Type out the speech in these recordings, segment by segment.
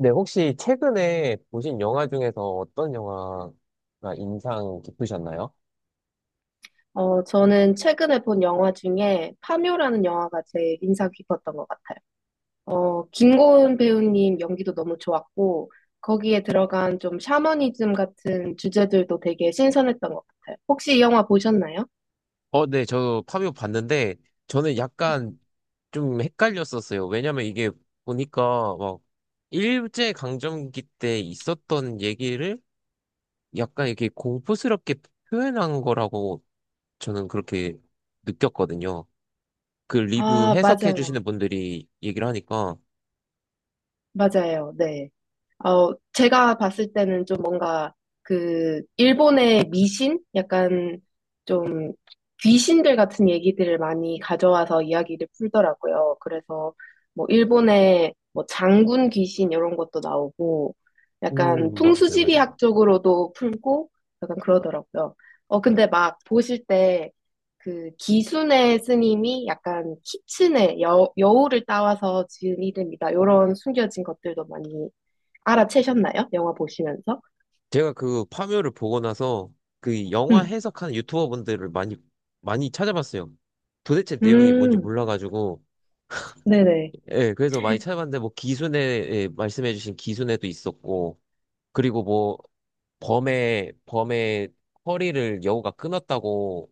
네, 혹시 최근에 보신 영화 중에서 어떤 영화가 인상 깊으셨나요? 저는 최근에 본 영화 중에 파묘라는 영화가 제일 인상 깊었던 것 같아요. 김고은 배우님 연기도 너무 좋았고, 거기에 들어간 좀 샤머니즘 같은 주제들도 되게 신선했던 것 같아요. 혹시 이 영화 보셨나요? 네, 저 파비오 봤는데 저는 약간 좀 헷갈렸었어요. 왜냐면 이게 보니까 막 일제 강점기 때 있었던 얘기를 약간 이렇게 공포스럽게 표현한 거라고 저는 그렇게 느꼈거든요. 그 리뷰 아, 해석해 맞아요. 주시는 분들이 얘기를 하니까. 맞아요. 네. 제가 봤을 때는 좀 뭔가 그 일본의 미신? 약간 좀 귀신들 같은 얘기들을 많이 가져와서 이야기를 풀더라고요. 그래서 뭐 일본의 뭐 장군 귀신 이런 것도 나오고 약간 맞아요, 맞아요. 풍수지리학 쪽으로도 풀고 약간 그러더라고요. 근데 막 보실 때 그 기순의 스님이 약간 키친의 여우를 따와서 지은 이름이다. 이런 숨겨진 것들도 많이 알아채셨나요? 영화 보시면서? 제가 그 파묘를 보고 나서 그 영화 음, 해석하는 유튜버분들을 많이 많이 찾아봤어요. 도대체 내용이 뭔지 음, 몰라가지고 네네. 예, 그래서 많이 찾아봤는데 뭐 기순에 예, 말씀해주신 기순에도 있었고 그리고 뭐 범의 허리를 여우가 끊었다고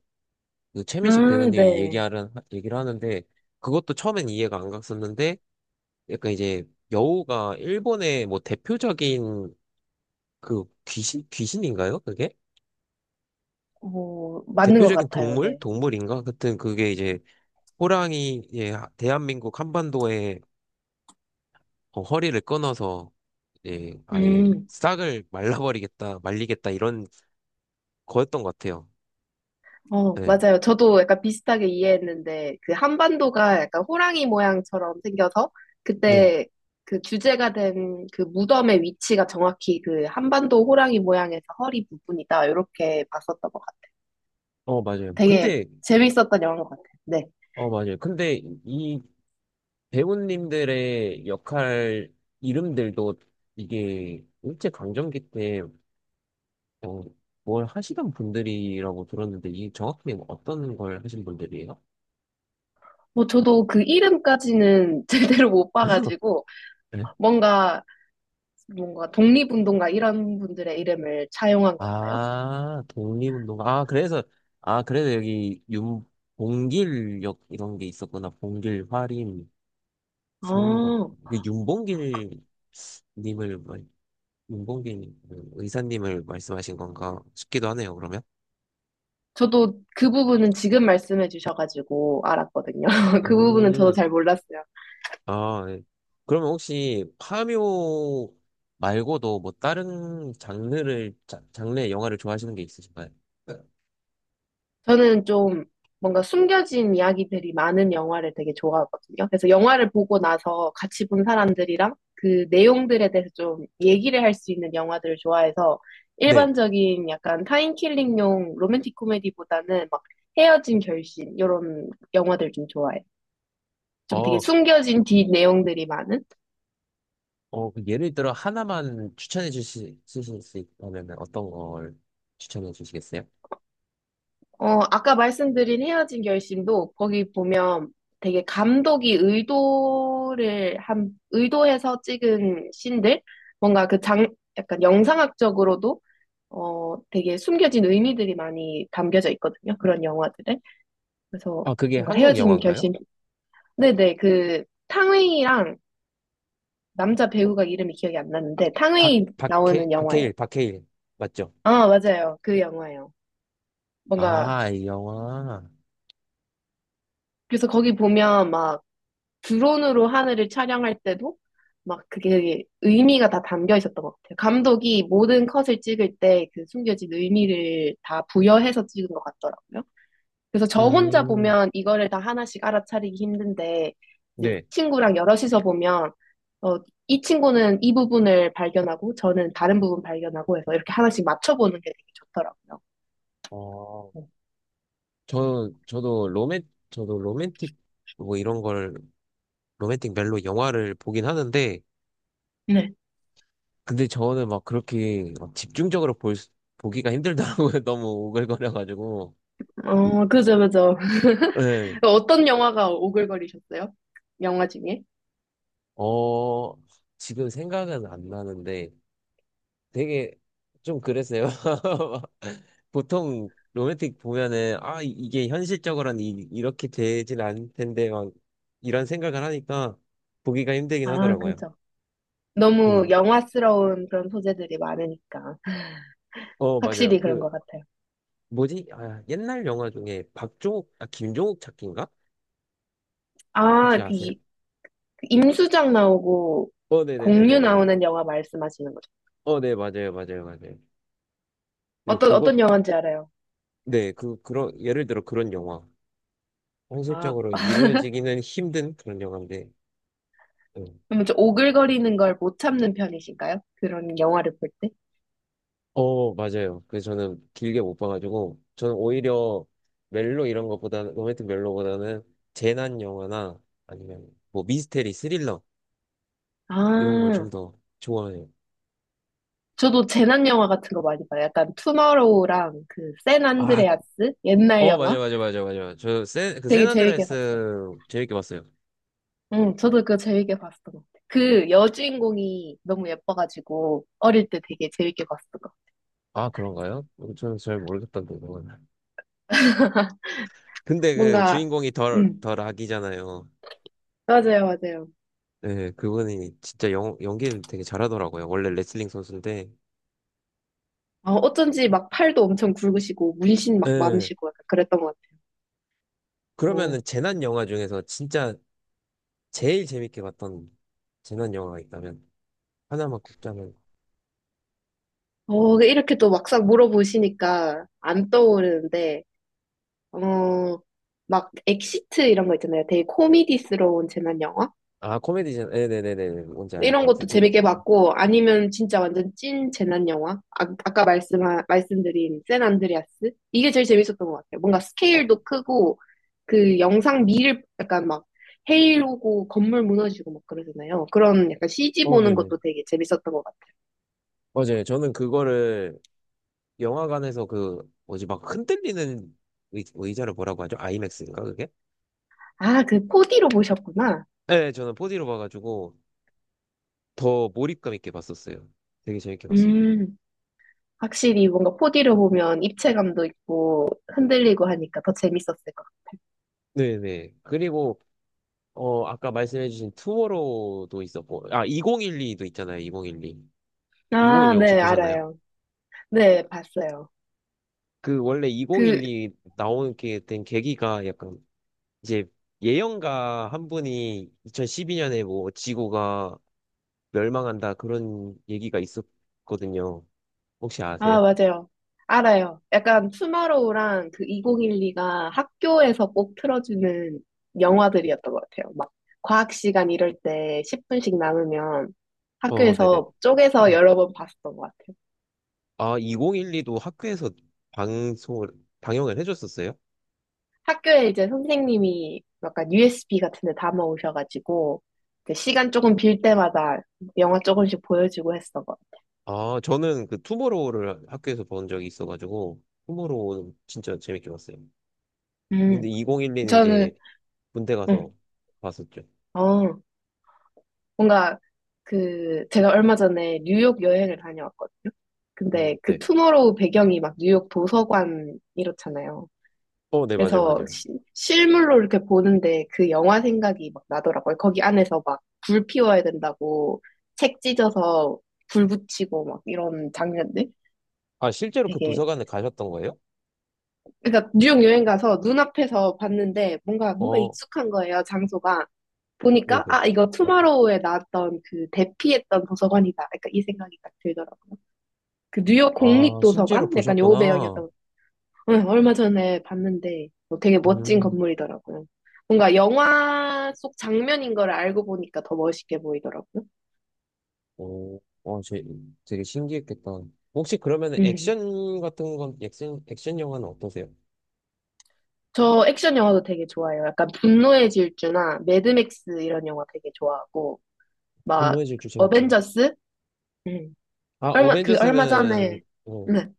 그 최민식 아, 배우님이 네. 얘기하는 얘기를 하는데, 그것도 처음엔 이해가 안 갔었는데 약간 이제 여우가 일본의 뭐 대표적인 그 귀신인가요? 그게? 어, 맞는 것 대표적인 같아요. 동물? 네. 동물인가? 하여튼 그게 이제 호랑이, 예, 대한민국 한반도에 허리를 끊어서 예, 아예 음, 싹을 말라버리겠다, 말리겠다 이런 거였던 것 같아요. 어, 네. 맞아요. 저도 약간 비슷하게 이해했는데, 그 한반도가 약간 호랑이 모양처럼 생겨서, 네. 그때 그 주제가 된 그 무덤의 위치가 정확히 그 한반도 호랑이 모양에서 허리 부분이다. 이렇게 봤었던 것 같아요. 맞아요. 되게 근데, 재밌었던 영화인 것 같아요. 네. 맞아요. 근데 이 배우님들의 역할 이름들도 이게 일제강점기 때, 어, 뭘 하시던 분들이라고 들었는데 이 정확히 어떤 걸 하신 분들이에요? 뭐 저도 그 이름까지는 제대로 못 봐가지고, 네. 뭔가 뭔가 독립운동가 이런 분들의 이름을 차용한 건가요? 아, 독립운동. 아, 그래서, 아, 그래서 여기 윤, 봉길역 이런 게 있었구나. 봉길, 화림, 상덕. 아, 그 님을, 말- 윤봉길 그 의사님을 말씀하신 건가 싶기도 하네요, 그러면. 저도 그 부분은 지금 말씀해 주셔가지고 알았거든요. 그 부분은 저도 음, 잘 몰랐어요. 아, 예. 그러면 혹시 파묘 말고도 뭐 다른 장르의 영화를 좋아하시는 게 있으신가요? 저는 좀 뭔가 숨겨진 이야기들이 많은 영화를 되게 좋아하거든요. 그래서 영화를 보고 나서 같이 본 사람들이랑 그 내용들에 대해서 좀 얘기를 할 수 있는 영화들을 좋아해서 네. 일반적인 약간 타인킬링용 로맨틱 코미디보다는 막 헤어진 결심 이런 영화들 좀 좋아해요. 좀 되게 어, 숨겨진 뒷 내용들이 많은? 그 예를 들어 하나만 추천해 주실 수 있다면 어떤 걸 추천해 주시겠어요? 아까 말씀드린 헤어진 결심도 거기 보면 되게 감독이 의도해서 찍은 씬들? 뭔가 약간 영상학적으로도 되게 숨겨진 의미들이 많이 담겨져 있거든요. 그런 영화들에. 그래서 아, 그게 뭔가 한국 헤어진 영화인가요? 결심. 네네, 그 탕웨이랑 남자 배우가 이름이 기억이 안 아, 나는데 탕웨이 나오는 영화예요. 박해일, 박해일. 맞죠? 아, 맞아요. 그 영화예요. 뭔가 아, 이 영화. 그래서 거기 보면 막 드론으로 하늘을 촬영할 때도 막 그게 되게 의미가 다 담겨 있었던 것 같아요. 감독이 모든 컷을 찍을 때 그 숨겨진 의미를 다 부여해서 찍은 것 같더라고요. 그래서 저 혼자 음, 보면 이거를 다 하나씩 알아차리기 힘든데 이제 네. 친구랑 여럿이서 보면 어, 이 친구는 이 부분을 발견하고 저는 다른 부분 발견하고 해서 이렇게 하나씩 맞춰보는 게 되게 좋더라고요. 어, 저도 로맨틱, 뭐 이런 걸, 로맨틱 멜로 영화를 보긴 하는데, 네. 근데 저는 막 그렇게 막 집중적으로 보기가 힘들더라고요. 너무 오글거려가지고. 어, 그죠, 그죠. 어떤 영화가 오글거리셨어요? 영화 중에? 어, 지금 생각은 안 나는데 되게 좀 그랬어요. 보통 로맨틱 보면은 아, 이게 현실적으로는 이렇게 되진 않을 텐데 막 이런 생각을 하니까 보기가 힘들긴 아, 하더라고요. 그죠. 너무 음. 영화스러운 그런 소재들이 많으니까. 맞아요. 확실히 그런 것 그 같아요. 뭐지? 아, 옛날 영화 중에 아, 김종욱 찾기인가? 아, 혹시 아세요? 그 임수정 나오고 공유 네네네네네네. 나오는 영화 말씀하시는 거죠? 네, 맞아요, 맞아요, 맞아요. 네, 어떤, 그것, 어떤 영화인지 알아요. 네, 그런, 예를 들어 그런 영화. 아, 현실적으로 이루어지기는 힘든 그런 영화인데. 음. 그러면 좀 오글거리는 걸 못 참는 편이신가요? 그런 영화를 볼 때? 맞아요. 그래서 저는 길게 못 봐가지고, 저는 오히려 멜로 이런 것보다는, 로맨틱 멜로보다는 재난 영화나 아니면 뭐 미스테리, 스릴러 이런 걸 아, 좀 더 좋아해요. 저도 재난 영화 같은 거 많이 봐요. 약간 투마로우랑 그 샌 아, 안드레아스 옛날 맞아, 영화 맞아, 맞아, 맞아. 되게 재밌게 봤어요. 샌안드레아스 재밌게 봤어요. 응, 저도 그거 재밌게 봤던 것 같아요. 그 여주인공이 너무 예뻐가지고 어릴 때 되게 재밌게 봤어요. 아, 그런가요? 저는 잘 모르겠던데, 그건. 근데 그 뭔가, 주인공이 음, 덜 악이잖아요. 맞아요, 맞아요. 네, 그분이 진짜 연기를 되게 잘하더라고요. 원래 레슬링 선수인데, 어쩐지 막 팔도 엄청 굵으시고, 문신 막 예. 많으시고, 약간 그랬던 것 같아요. 어, 그러면은 재난 영화 중에서 진짜 제일 재밌게 봤던 재난 영화가 있다면 하나만 꼽자면, 이렇게 또 막상 물어보시니까 안 떠오르는데, 어, 막 엑시트 이런 거 있잖아요. 되게 코미디스러운 재난 영화? 아, 코미디잖아. 네네네네. 뭔지 알 것 이런 것도 같아요. 그, 재밌게 네. 봤고, 아니면 진짜 완전 찐 재난 영화? 아, 아까 말씀드린 샌 안드레아스? 이게 제일 재밌었던 것 같아요. 뭔가 어, 스케일도 크고, 그 영상 미를 약간 막 헤일 오고 건물 무너지고 막 그러잖아요. 그런 약간 CG 보는 네네. 것도 되게 재밌었던 것 같아요. 맞아요. 저는 그거를 영화관에서 그 뭐지 막 흔들리는 의자를 뭐라고 하죠? 아이맥스인가 그게? 아, 그 4D로 보셨구나. 네, 저는 4D로 봐가지고 더 몰입감 있게 봤었어요. 되게 재밌게 봤어요. 음, 확실히 뭔가 4D로 보면 입체감도 있고 흔들리고 하니까 더 재밌었을 것 네네. 그리고 아까 말씀해주신 투모로우도 있었고 아, 2012도 있잖아요. 2012. 같아요. 아, 2012 혹시 네, 보셨나요? 알아요. 네, 봤어요. 그 원래 그 2012 나오게 된 계기가 약간 이제 예언가 한 분이 2012년에 뭐 지구가 멸망한다 그런 얘기가 있었거든요. 혹시 아, 아세요? 맞아요. 알아요. 약간 투마로우랑 그 2012가 학교에서 꼭 틀어주는 영화들이었던 것 같아요. 막 과학 시간 이럴 때 10분씩 남으면 네네. 학교에서 쪼개서 여러 번 봤었던 것 같아요. 아, 2012도 학교에서 방송을, 방영을 해줬었어요? 학교에 이제 선생님이 약간 USB 같은 데 담아 오셔가지고 이제 시간 조금 빌 때마다 영화 조금씩 보여주고 했었던 것 아, 저는 그 투모로우를 학교에서 본 적이 있어가지고, 투모로우는 진짜 재밌게 봤어요. 같아요. 근데 2012는 이제 저는, 군대 가서 음, 봤었죠. 어. 뭔가 제가 얼마 전에 뉴욕 여행을 다녀왔거든요. 근데 네. 그 투머로우 배경이 막 뉴욕 도서관 이렇잖아요. 네, 맞아요, 그래서 맞아요. 실물로 이렇게 보는데 그 영화 생각이 막 나더라고요. 거기 안에서 막 불 피워야 된다고 책 찢어서 불 붙이고 막 이런 장면들 아, 실제로 그 되게 도서관에 가셨던 거예요? 그러니까 뉴욕 여행 가서 눈앞에서 봤는데 뭔가 어, 익숙한 거예요, 장소가. 보니까 네네. 아 이거 투마로우에 나왔던 그 대피했던 도서관이다. 약간 이 생각이 딱 들더라고요. 그 뉴욕 아, 실제로 국립도서관? 약간 요 보셨구나. 배경이었던 거. 응, 얼마 전에 봤는데 뭐 되게 멋진 음, 건물이더라고요. 뭔가 영화 속 장면인 걸 알고 보니까 더 멋있게 보이더라고요. 어, 어, 제, 되게 신기했겠다. 혹시 그러면 음. 액션 같은 건, 액션, 액션 영화는 어떠세요? 저 액션 영화도 되게 좋아해요. 약간 분노의 질주나 매드맥스 이런 영화 되게 좋아하고 막 분노의 질주 재밌죠. 어벤져스? 음. 아, 얼마 어벤져스는, 전에. 네.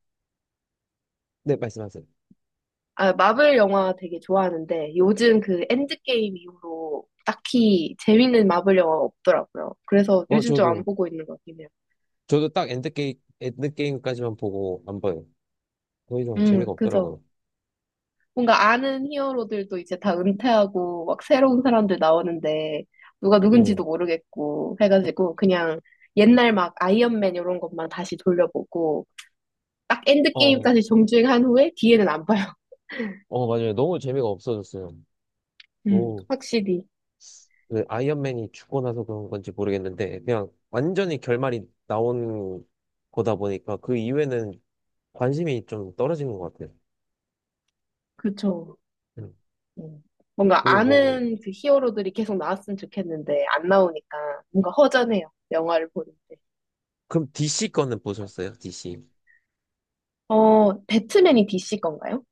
네, 말씀하세요. 아, 마블 영화 되게 좋아하는데 요즘 그 엔드게임 이후로 딱히 재밌는 마블 영화 없더라고요. 그래서 어, 요즘 좀 안 저도, 보고 있는 것 같긴 해요. 저도 딱 엔드게임까지만 보고 안 봐요. 더 이상 재미가 그죠. 없더라고요. 뭔가 아는 히어로들도 이제 다 은퇴하고 막 새로운 사람들 나오는데 누가 네. 누군지도 모르겠고 해가지고 그냥 옛날 막 아이언맨 이런 것만 다시 돌려보고 딱 어, 엔드게임까지 정주행한 후에 뒤에는 안 봐요. 맞아요. 너무 재미가 없어졌어요. 너무. 확실히. 그 아이언맨이 죽고 나서 그런 건지 모르겠는데 그냥 완전히 결말이 나온 거다 보니까 그 이후에는 관심이 좀 떨어진 것 같아요. 그쵸. 음. 음. 뭔가 그리고 뭐 아는 그 히어로들이 계속 나왔으면 좋겠는데 안 나오니까 뭔가 허전해요. 영화를 보는데. 그럼 DC 거는 보셨어요? DC. 배트맨이 DC 건가요?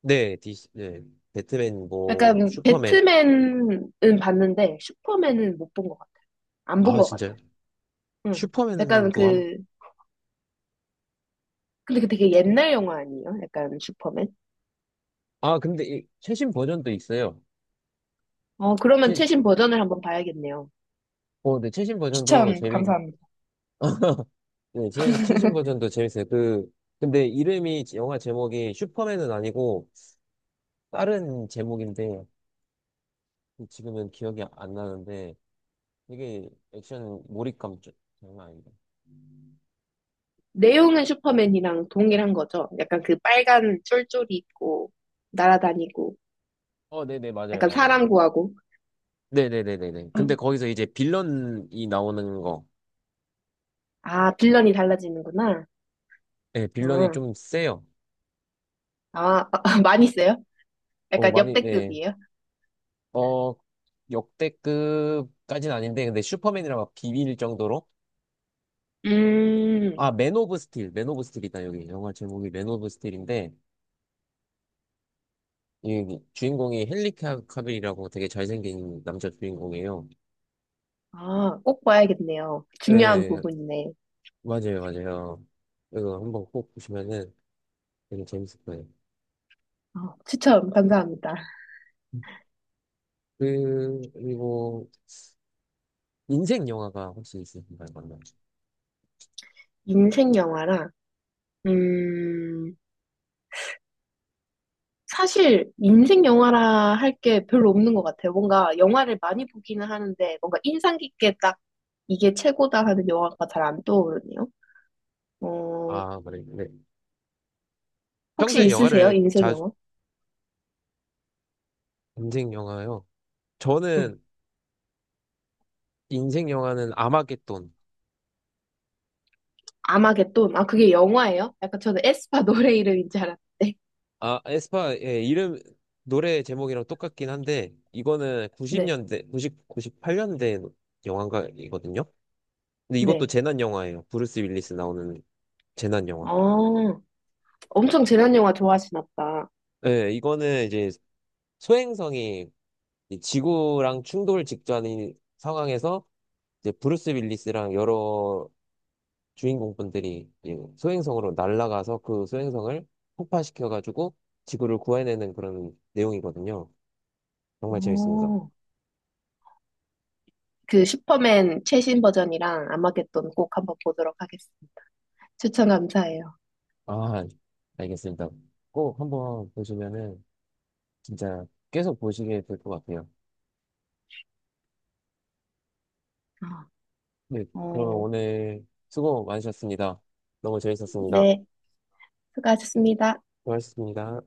네, DC. 네. 배트맨 뭐 약간 슈퍼맨. 배트맨은 봤는데 슈퍼맨은 못 본 것 같아요. 안 본 아, 것 진짜요? 같아요. 응. 약간 슈퍼맨도 한. 그 근데 그 되게 옛날 영화 아니에요? 약간 슈퍼맨? 아, 근데 이 최신 버전도 있어요. 그러면 최 최신 버전을 한번 봐야겠네요. 네, 최신 버전도 추천 재미 감사합니다. 네, 최신 버전도 재밌어요. 그 근데 이름이 영화 제목이 슈퍼맨은 아니고 다른 제목인데 지금은 기억이 안 나는데 되게 액션 몰입감 좀 장난 아니다. 내용은 슈퍼맨이랑 동일한 거죠. 약간 그 빨간 쫄쫄이 있고 날아다니고 네네, 맞아요, 약간 맞아요. 사람 구하고. 네네네네네. 근데 거기서 이제 빌런이 나오는 거. 아, 빌런이 달라지는구나. 네, 빌런이 음. 좀 세요. 아, 많이 써요? 약간 많이, 네. 역대급이에요? 어, 역대급까지는 아닌데, 근데 슈퍼맨이랑 막 비빌 정도로. 음, 아, 맨 오브 스틸, 맨 오브 스틸이다, 여기. 영화 제목이 맨 오브 스틸인데, 이 주인공이 헨리 카빌이라고 되게 잘생긴 남자 주인공이에요. 아, 꼭 봐야겠네요. 중요한 네, 부분이네. 맞아요, 맞아요. 이거 한번 꼭 보시면은 되게 재밌을 거예요. 추천 감사합니다. 그리고 인생 영화가 혹시 있으신가요? 맞나요? 인생 영화라, 음, 사실 인생 영화라 할 게 별로 없는 것 같아요. 뭔가 영화를 많이 보기는 하는데, 뭔가 인상 깊게 딱 이게 최고다 하는 영화가 잘 안 떠오르네요. 어, 아, 그래요. 네. 혹시 평소에 있으세요? 영화를 인생 자주 영화? 인생 영화요. 저는 인생 영화는 아마겟돈. 아마겟돈. 아, 그게 영화예요? 약간 저는 에스파 노래 이름인 줄 알았는데. 아, 에스파 예, 이름 노래 제목이랑 똑같긴 한데 이거는 네, 90년대, 9 98년대 영화가이거든요. 근데 이것도 네. 재난 영화예요. 브루스 윌리스 나오는 재난 영화. 어, 엄청 재난 영화 좋아하시나 보다. 예, 이거는 이제 소행성이 이 지구랑 충돌 직전인 상황에서 이제 브루스 윌리스랑 여러 주인공분들이 이 소행성으로 날아가서 그 소행성을 폭파시켜가지고 지구를 구해내는 그런 내용이거든요. 정말 재밌습니다. 어, 그 슈퍼맨 최신 버전이랑 아마겟돈 꼭 한번 보도록 하겠습니다. 추천 감사해요. 아, 알겠습니다. 꼭 한번 보시면은 진짜 계속 보시게 될 것 같아요. 네, 어, 그러면 어, 오늘 수고 많으셨습니다. 너무 재밌었습니다. 네, 수고하셨습니다. 고맙습니다.